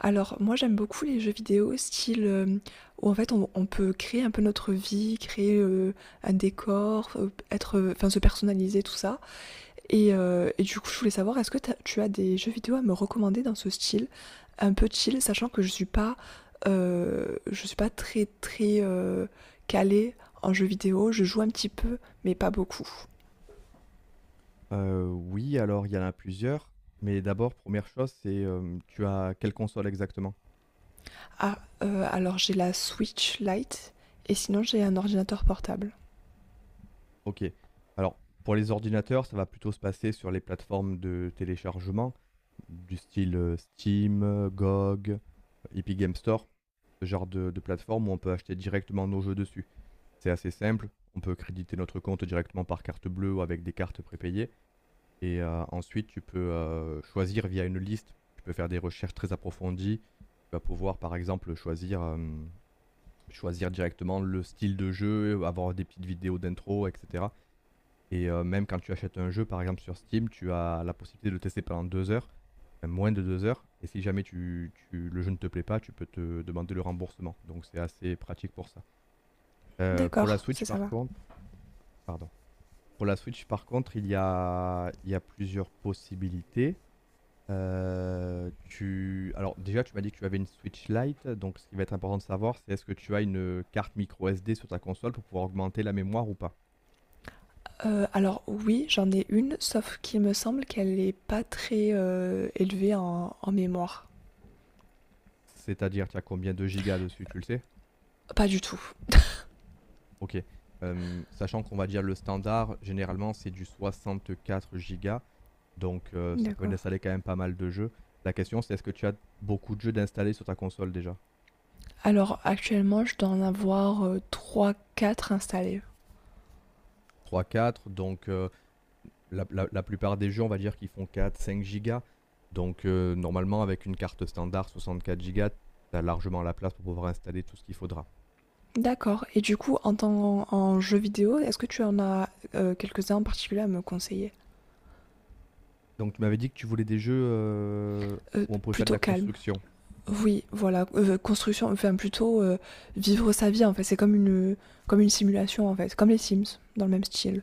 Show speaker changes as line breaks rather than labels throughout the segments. Alors moi j'aime beaucoup les jeux vidéo style, où en fait on peut créer un peu notre vie, créer, un décor, être, enfin se personnaliser tout ça et et du coup je voulais savoir est-ce que tu as des jeux vidéo à me recommander dans ce style? Un peu chill, sachant que je suis pas très, très, calée en jeux vidéo. Je joue un petit peu, mais pas beaucoup.
Oui, alors il y en a plusieurs, mais d'abord première chose, c'est, tu as quelle console exactement?
Ah, alors j'ai la Switch Lite et sinon j'ai un ordinateur portable.
OK. Alors pour les ordinateurs, ça va plutôt se passer sur les plateformes de téléchargement du style, Steam, GOG, Epic Game Store, ce genre de plateforme où on peut acheter directement nos jeux dessus. C'est assez simple, on peut créditer notre compte directement par carte bleue ou avec des cartes prépayées. Et ensuite, tu peux, choisir via une liste. Tu peux faire des recherches très approfondies. Tu vas pouvoir, par exemple, choisir directement le style de jeu, avoir des petites vidéos d'intro et cetera. Et même quand tu achètes un jeu, par exemple, sur Steam, tu as la possibilité de le tester pendant 2 heures, même moins de 2 heures. Et si jamais tu tu le jeu ne te plaît pas, tu peux te demander le remboursement. Donc c'est assez pratique pour ça. Pour la
D'accord, ça,
Switch,
ça
par
va.
contre, pardon. Pour la Switch, par contre, il y a plusieurs possibilités. Tu Alors déjà, tu m'as dit que tu avais une Switch Lite, donc ce qui va être important de savoir, c'est est-ce que tu as une carte micro SD sur ta console pour pouvoir augmenter la mémoire ou pas?
Alors oui, j'en ai une, sauf qu'il me semble qu'elle est pas très, élevée en mémoire.
C'est-à-dire, tu as combien de gigas dessus, tu le sais?
Pas du tout.
OK. Sachant qu'on va dire le standard, généralement, c'est du 64 gigas. Donc ça permet
D'accord.
d'installer quand même pas mal de jeux. La question, c'est est-ce que tu as beaucoup de jeux d'installer sur ta console déjà?
Alors actuellement, je dois en avoir, 3-4 installés.
Trois, quatre. Donc la plupart des jeux, on va dire, qui font quatre cinq gigas. Donc, normalement, avec une carte standard 64 gigas, tu as largement la place pour pouvoir installer tout ce qu'il faudra.
D'accord et du coup en tant en jeu vidéo, est-ce que tu en as, quelques-uns en particulier à me conseiller?
Donc, tu m'avais dit que tu voulais des jeux où on pouvait faire de
Plutôt
la
calme.
construction.
Oui, voilà, construction, enfin plutôt, vivre sa vie en fait, c'est comme une simulation en fait, comme les Sims, dans le même style.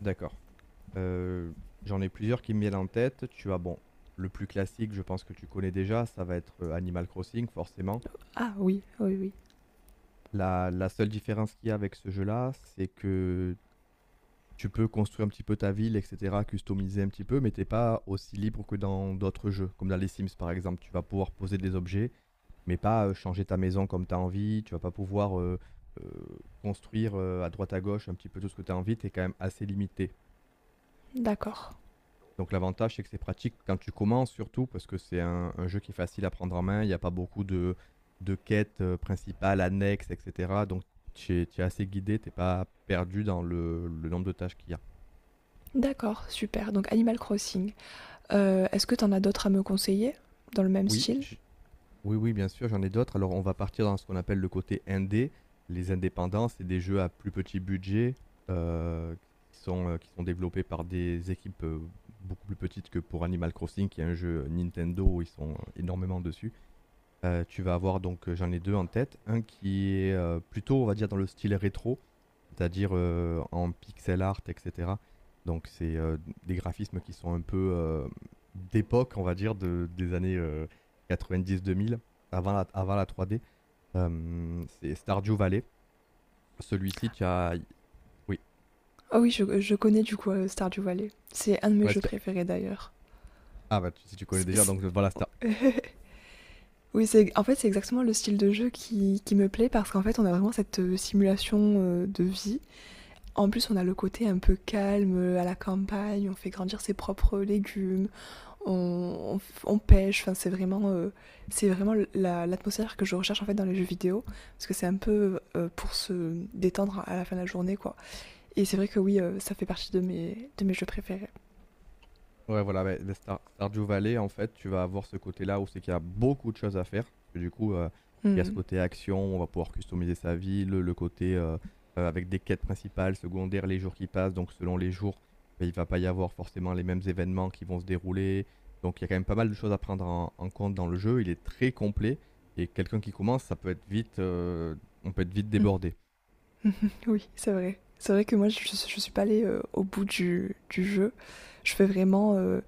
D'accord. Euh, J'en ai plusieurs qui me viennent en tête. Tu as, bon, le plus classique, je pense que tu connais déjà, ça va être Animal Crossing, forcément.
Ah oui, oui, oui.
La seule différence qu'il y a avec ce jeu-là, c'est que tu peux construire un petit peu ta ville, et cetera, customiser un petit peu, mais t'es pas aussi libre que dans d'autres jeux, comme dans les Sims par exemple. Tu vas pouvoir poser des objets, mais pas changer ta maison comme tu as envie. Tu vas pas pouvoir euh, construire à droite à gauche un petit peu tout ce que tu as envie. Tu es quand même assez limité.
D'accord.
Donc l'avantage, c'est que c'est pratique quand tu commences surtout, parce que c'est un jeu qui est facile à prendre en main. Il n'y a pas beaucoup de quêtes, principales, annexes, etc. Donc tu es assez guidé, tu n'es pas perdu dans le nombre de tâches qu'il y a.
D'accord, super. Donc Animal Crossing. Est-ce que t'en as d'autres à me conseiller, dans le même
Oui,
style?
j- Oui, oui, bien sûr, j'en ai d'autres. Alors, on va partir dans ce qu'on appelle le côté indé. Les indépendants, c'est des jeux à plus petit budget, heu, qui sont développés par des équipes, beaucoup plus petites que pour Animal Crossing, qui est un jeu Nintendo, ils sont énormément dessus. Tu vas avoir donc, j'en ai 2 en tête. Un qui est, plutôt on va dire dans le style rétro, c'est-à-dire, en pixel art et cetera. Donc c'est, des graphismes qui sont un peu, d'époque on va dire de des années, 90-2000, avant la 3D. C'est Stardew Valley. Celui-ci tu as oui,
Ah oui, je connais du coup, Stardew Valley. C'est un de mes
ouais
jeux
si tu as
préférés d'ailleurs.
ah bah, tu, Si tu connais
C
déjà,
c
donc voilà Star
oui, c'est en fait, c'est exactement le style de jeu qui me plaît parce qu'en fait, on a vraiment cette, simulation, de vie. En plus, on a le côté un peu calme, à la campagne, on fait grandir ses propres légumes, on, on pêche. Enfin, c'est vraiment l'atmosphère que je recherche en fait dans les jeux vidéo, parce que c'est un peu pour se détendre à la fin de la journée, quoi. Et c'est vrai que oui, ça fait partie de mes jeux préférés.
Ouais, voilà, mais Stardew Valley, en fait, tu vas avoir ce côté-là où c'est qu'il y a beaucoup de choses à faire. Parce que du coup, il y a ce
Hmm.
côté action, on va pouvoir customiser sa ville, le côté, avec des quêtes principales, secondaires, les jours qui passent. Donc, selon les jours, ben, il va pas y avoir forcément les mêmes événements qui vont se dérouler. Donc, il y a quand même pas mal de choses à prendre en compte dans le jeu. Il est très complet et quelqu'un qui commence, ça peut être vite, on peut être vite
Mhm.
débordé.
Mmh. Oui, c'est vrai. C'est vrai que moi, je suis pas allée, au bout du jeu. Je fais vraiment,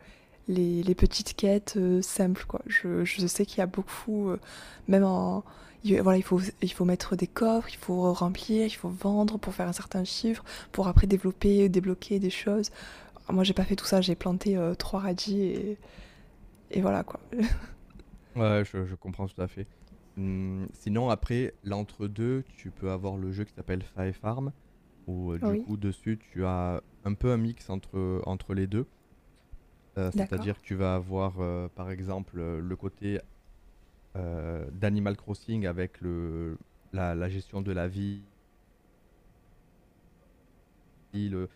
les petites quêtes, simples, quoi. Je sais qu'il y a beaucoup, même en il voilà, il faut mettre des coffres, il faut remplir, il faut vendre pour faire un certain chiffre, pour après développer, débloquer des choses. Moi, j'ai pas fait tout ça, j'ai planté, 3 radis et voilà, quoi.
Ouais, je comprends tout à fait. Sinon, après, l'entre-deux, tu peux avoir le jeu qui s'appelle Five Farm où du
Oui,
coup dessus tu as un peu un mix entre les deux.
d'accord.
C'est-à-dire que tu vas avoir par exemple, le côté d'Animal Crossing avec la gestion de la ville, euh,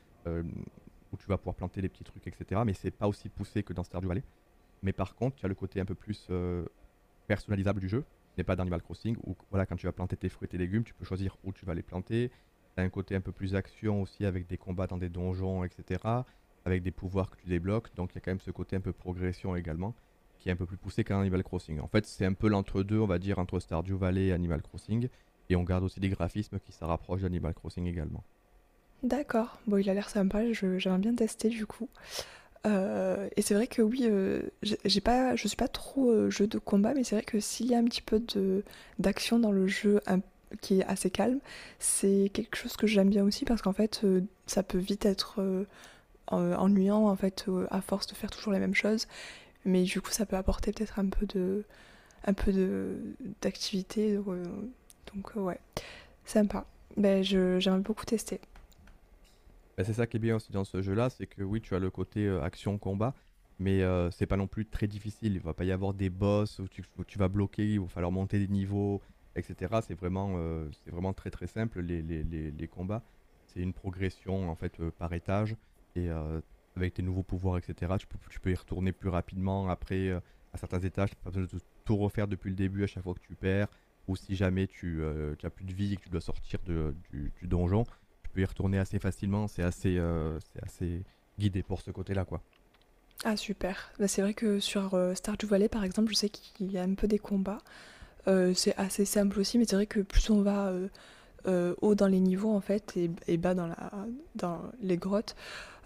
où tu vas pouvoir planter des petits trucs, etc. Mais c'est pas aussi poussé que dans Stardew Valley. Mais par contre, tu as le côté un peu plus personnalisable du jeu, n'est pas d'Animal Crossing, où voilà, quand tu vas planter tes fruits et tes légumes, tu peux choisir où tu vas les planter. Tu as un côté un peu plus action aussi avec des combats dans des donjons, etc. Avec des pouvoirs que tu débloques. Donc il y a quand même ce côté un peu progression également, qui est un peu plus poussé qu'un Animal Crossing. En fait, c'est un peu l'entre-deux, on va dire, entre Stardew Valley et Animal Crossing. Et on garde aussi des graphismes qui se rapprochent d'Animal Crossing également.
D'accord. Bon, il a l'air sympa, je j'aimerais bien tester, du coup. Et c'est vrai que oui, j'ai pas, je suis pas trop jeu de combat, mais c'est vrai que s'il y a un petit peu de d'action dans le jeu un- qui est assez calme, c'est quelque chose que j'aime bien aussi parce qu'en fait, ça peut vite être ennuyant en fait à force de faire toujours la même chose, mais du coup, ça peut apporter peut-être un peu de d'activité, donc, ouais, sympa. Ben je j'aimerais beaucoup tester.
Bah, c'est ça qui est bien aussi dans ce jeu-là, c'est que oui, tu as le côté, action-combat, mais c'est pas non plus très difficile. Il va pas y avoir des boss où tu vas bloquer, il va falloir monter des niveaux et cetera. C'est vraiment très, très simple les combats. C'est une progression en fait, par étage et avec tes nouveaux pouvoirs et cetera. Tu peux y retourner plus rapidement après, à certains étages, tu n'as pas besoin de tout refaire depuis le début à chaque fois que tu perds, ou si jamais tu as plus de vie et que tu dois sortir de du donjon, tu peux y retourner assez facilement, c'est assez guidé pour ce côté-là, quoi.
Ah super. Ben, c'est vrai que sur Stardew Valley par exemple, je sais qu'il y a un peu des combats. C'est assez simple aussi, mais c'est vrai que plus on va haut dans les niveaux en fait et bas dans, dans les grottes,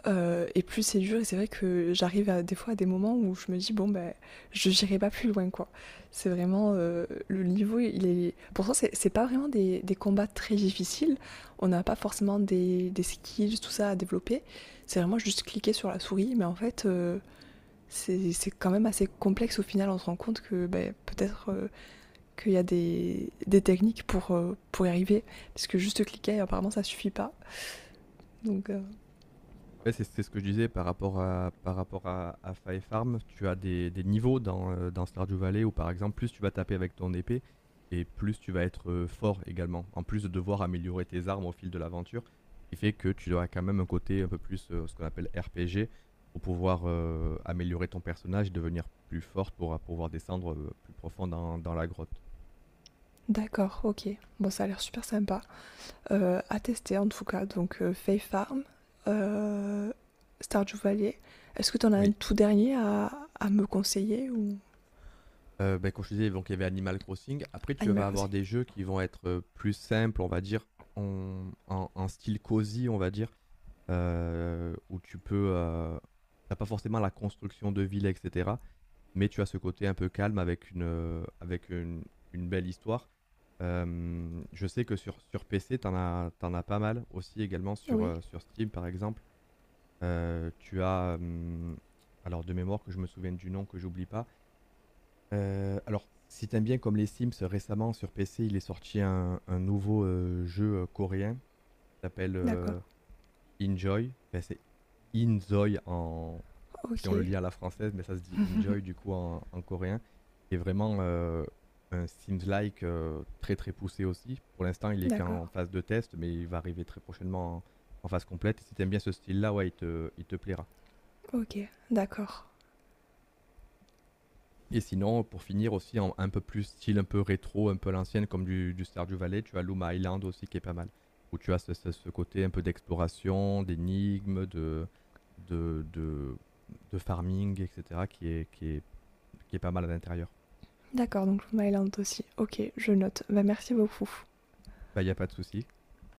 et plus c'est dur. Et c'est vrai que j'arrive à, des fois à des moments où je me dis bon ben je n'irai pas plus loin quoi. C'est vraiment le niveau il est. Pourtant c'est pas vraiment des combats très difficiles. On n'a pas forcément des skills tout ça à développer. C'est vraiment juste cliquer sur la souris, mais en fait. C'est quand même assez complexe au final, on se rend compte que ben, peut-être qu'il y a des techniques pour y arriver. Parce que juste cliquer, apparemment, ça suffit pas. Donc,
Ouais, c'est ce que je disais à Fire Farm, tu as des niveaux dans Stardew Valley où, par exemple, plus tu vas taper avec ton épée, et plus tu vas être fort également, en plus de devoir améliorer tes armes au fil de l'aventure, ce qui fait que tu auras quand même un côté un peu plus, ce qu'on appelle RPG, pour pouvoir améliorer ton personnage, et devenir plus fort pour pouvoir descendre plus profond dans la grotte.
d'accord, ok. Bon, ça a l'air super sympa. À tester, en tout cas. Donc, Faith Farm, euh, Stardew Valley. Est-ce que tu en as un
Oui.
tout dernier à me conseiller ou
Bah, comme je te disais, donc il y avait Animal Crossing. Après, tu
Animal
vas avoir
Crossing.
des jeux qui vont être, plus simples, on va dire, en style cosy, on va dire, où tu peux, tu pas forcément la construction de ville et cetera, mais tu as ce côté un peu calme avec une belle histoire. Je sais que sur PC, tu en as t'en as pas mal aussi également
Oui,
sur Steam, par exemple. Heu, tu as, hem, alors, de mémoire, que je me souvienne du nom, que j'oublie pas. Alors, si t'aimes bien comme les Sims, récemment sur PC, il est sorti un nouveau, jeu, coréen, qui s'appelle,
d'accord,
Enjoy. Enfin, c'est Inzoï en si on le
ok.
lit à la française, mais ça se dit Enjoy du coup en coréen. Qui est vraiment, un Sims-like, très, très poussé aussi. Pour l'instant, il est
D'accord,
qu'en phase de test, mais il va arriver très prochainement en phase complète. Et si t'aimes bien ce style-là, ouais, il te plaira.
ok, d'accord.
Et sinon, pour finir aussi, un peu plus style, un peu rétro, un peu à l'ancienne, comme du Stardew Valley, tu as Loom Island aussi qui est pas mal. Où tu as ce côté un peu d'exploration, d'énigmes, de, de, de farming, etc. qui est pas mal à l'intérieur.
D'accord, donc Moon Island aussi. Ok, je note. Bah, merci beaucoup.
Bah, il n'y a pas de souci.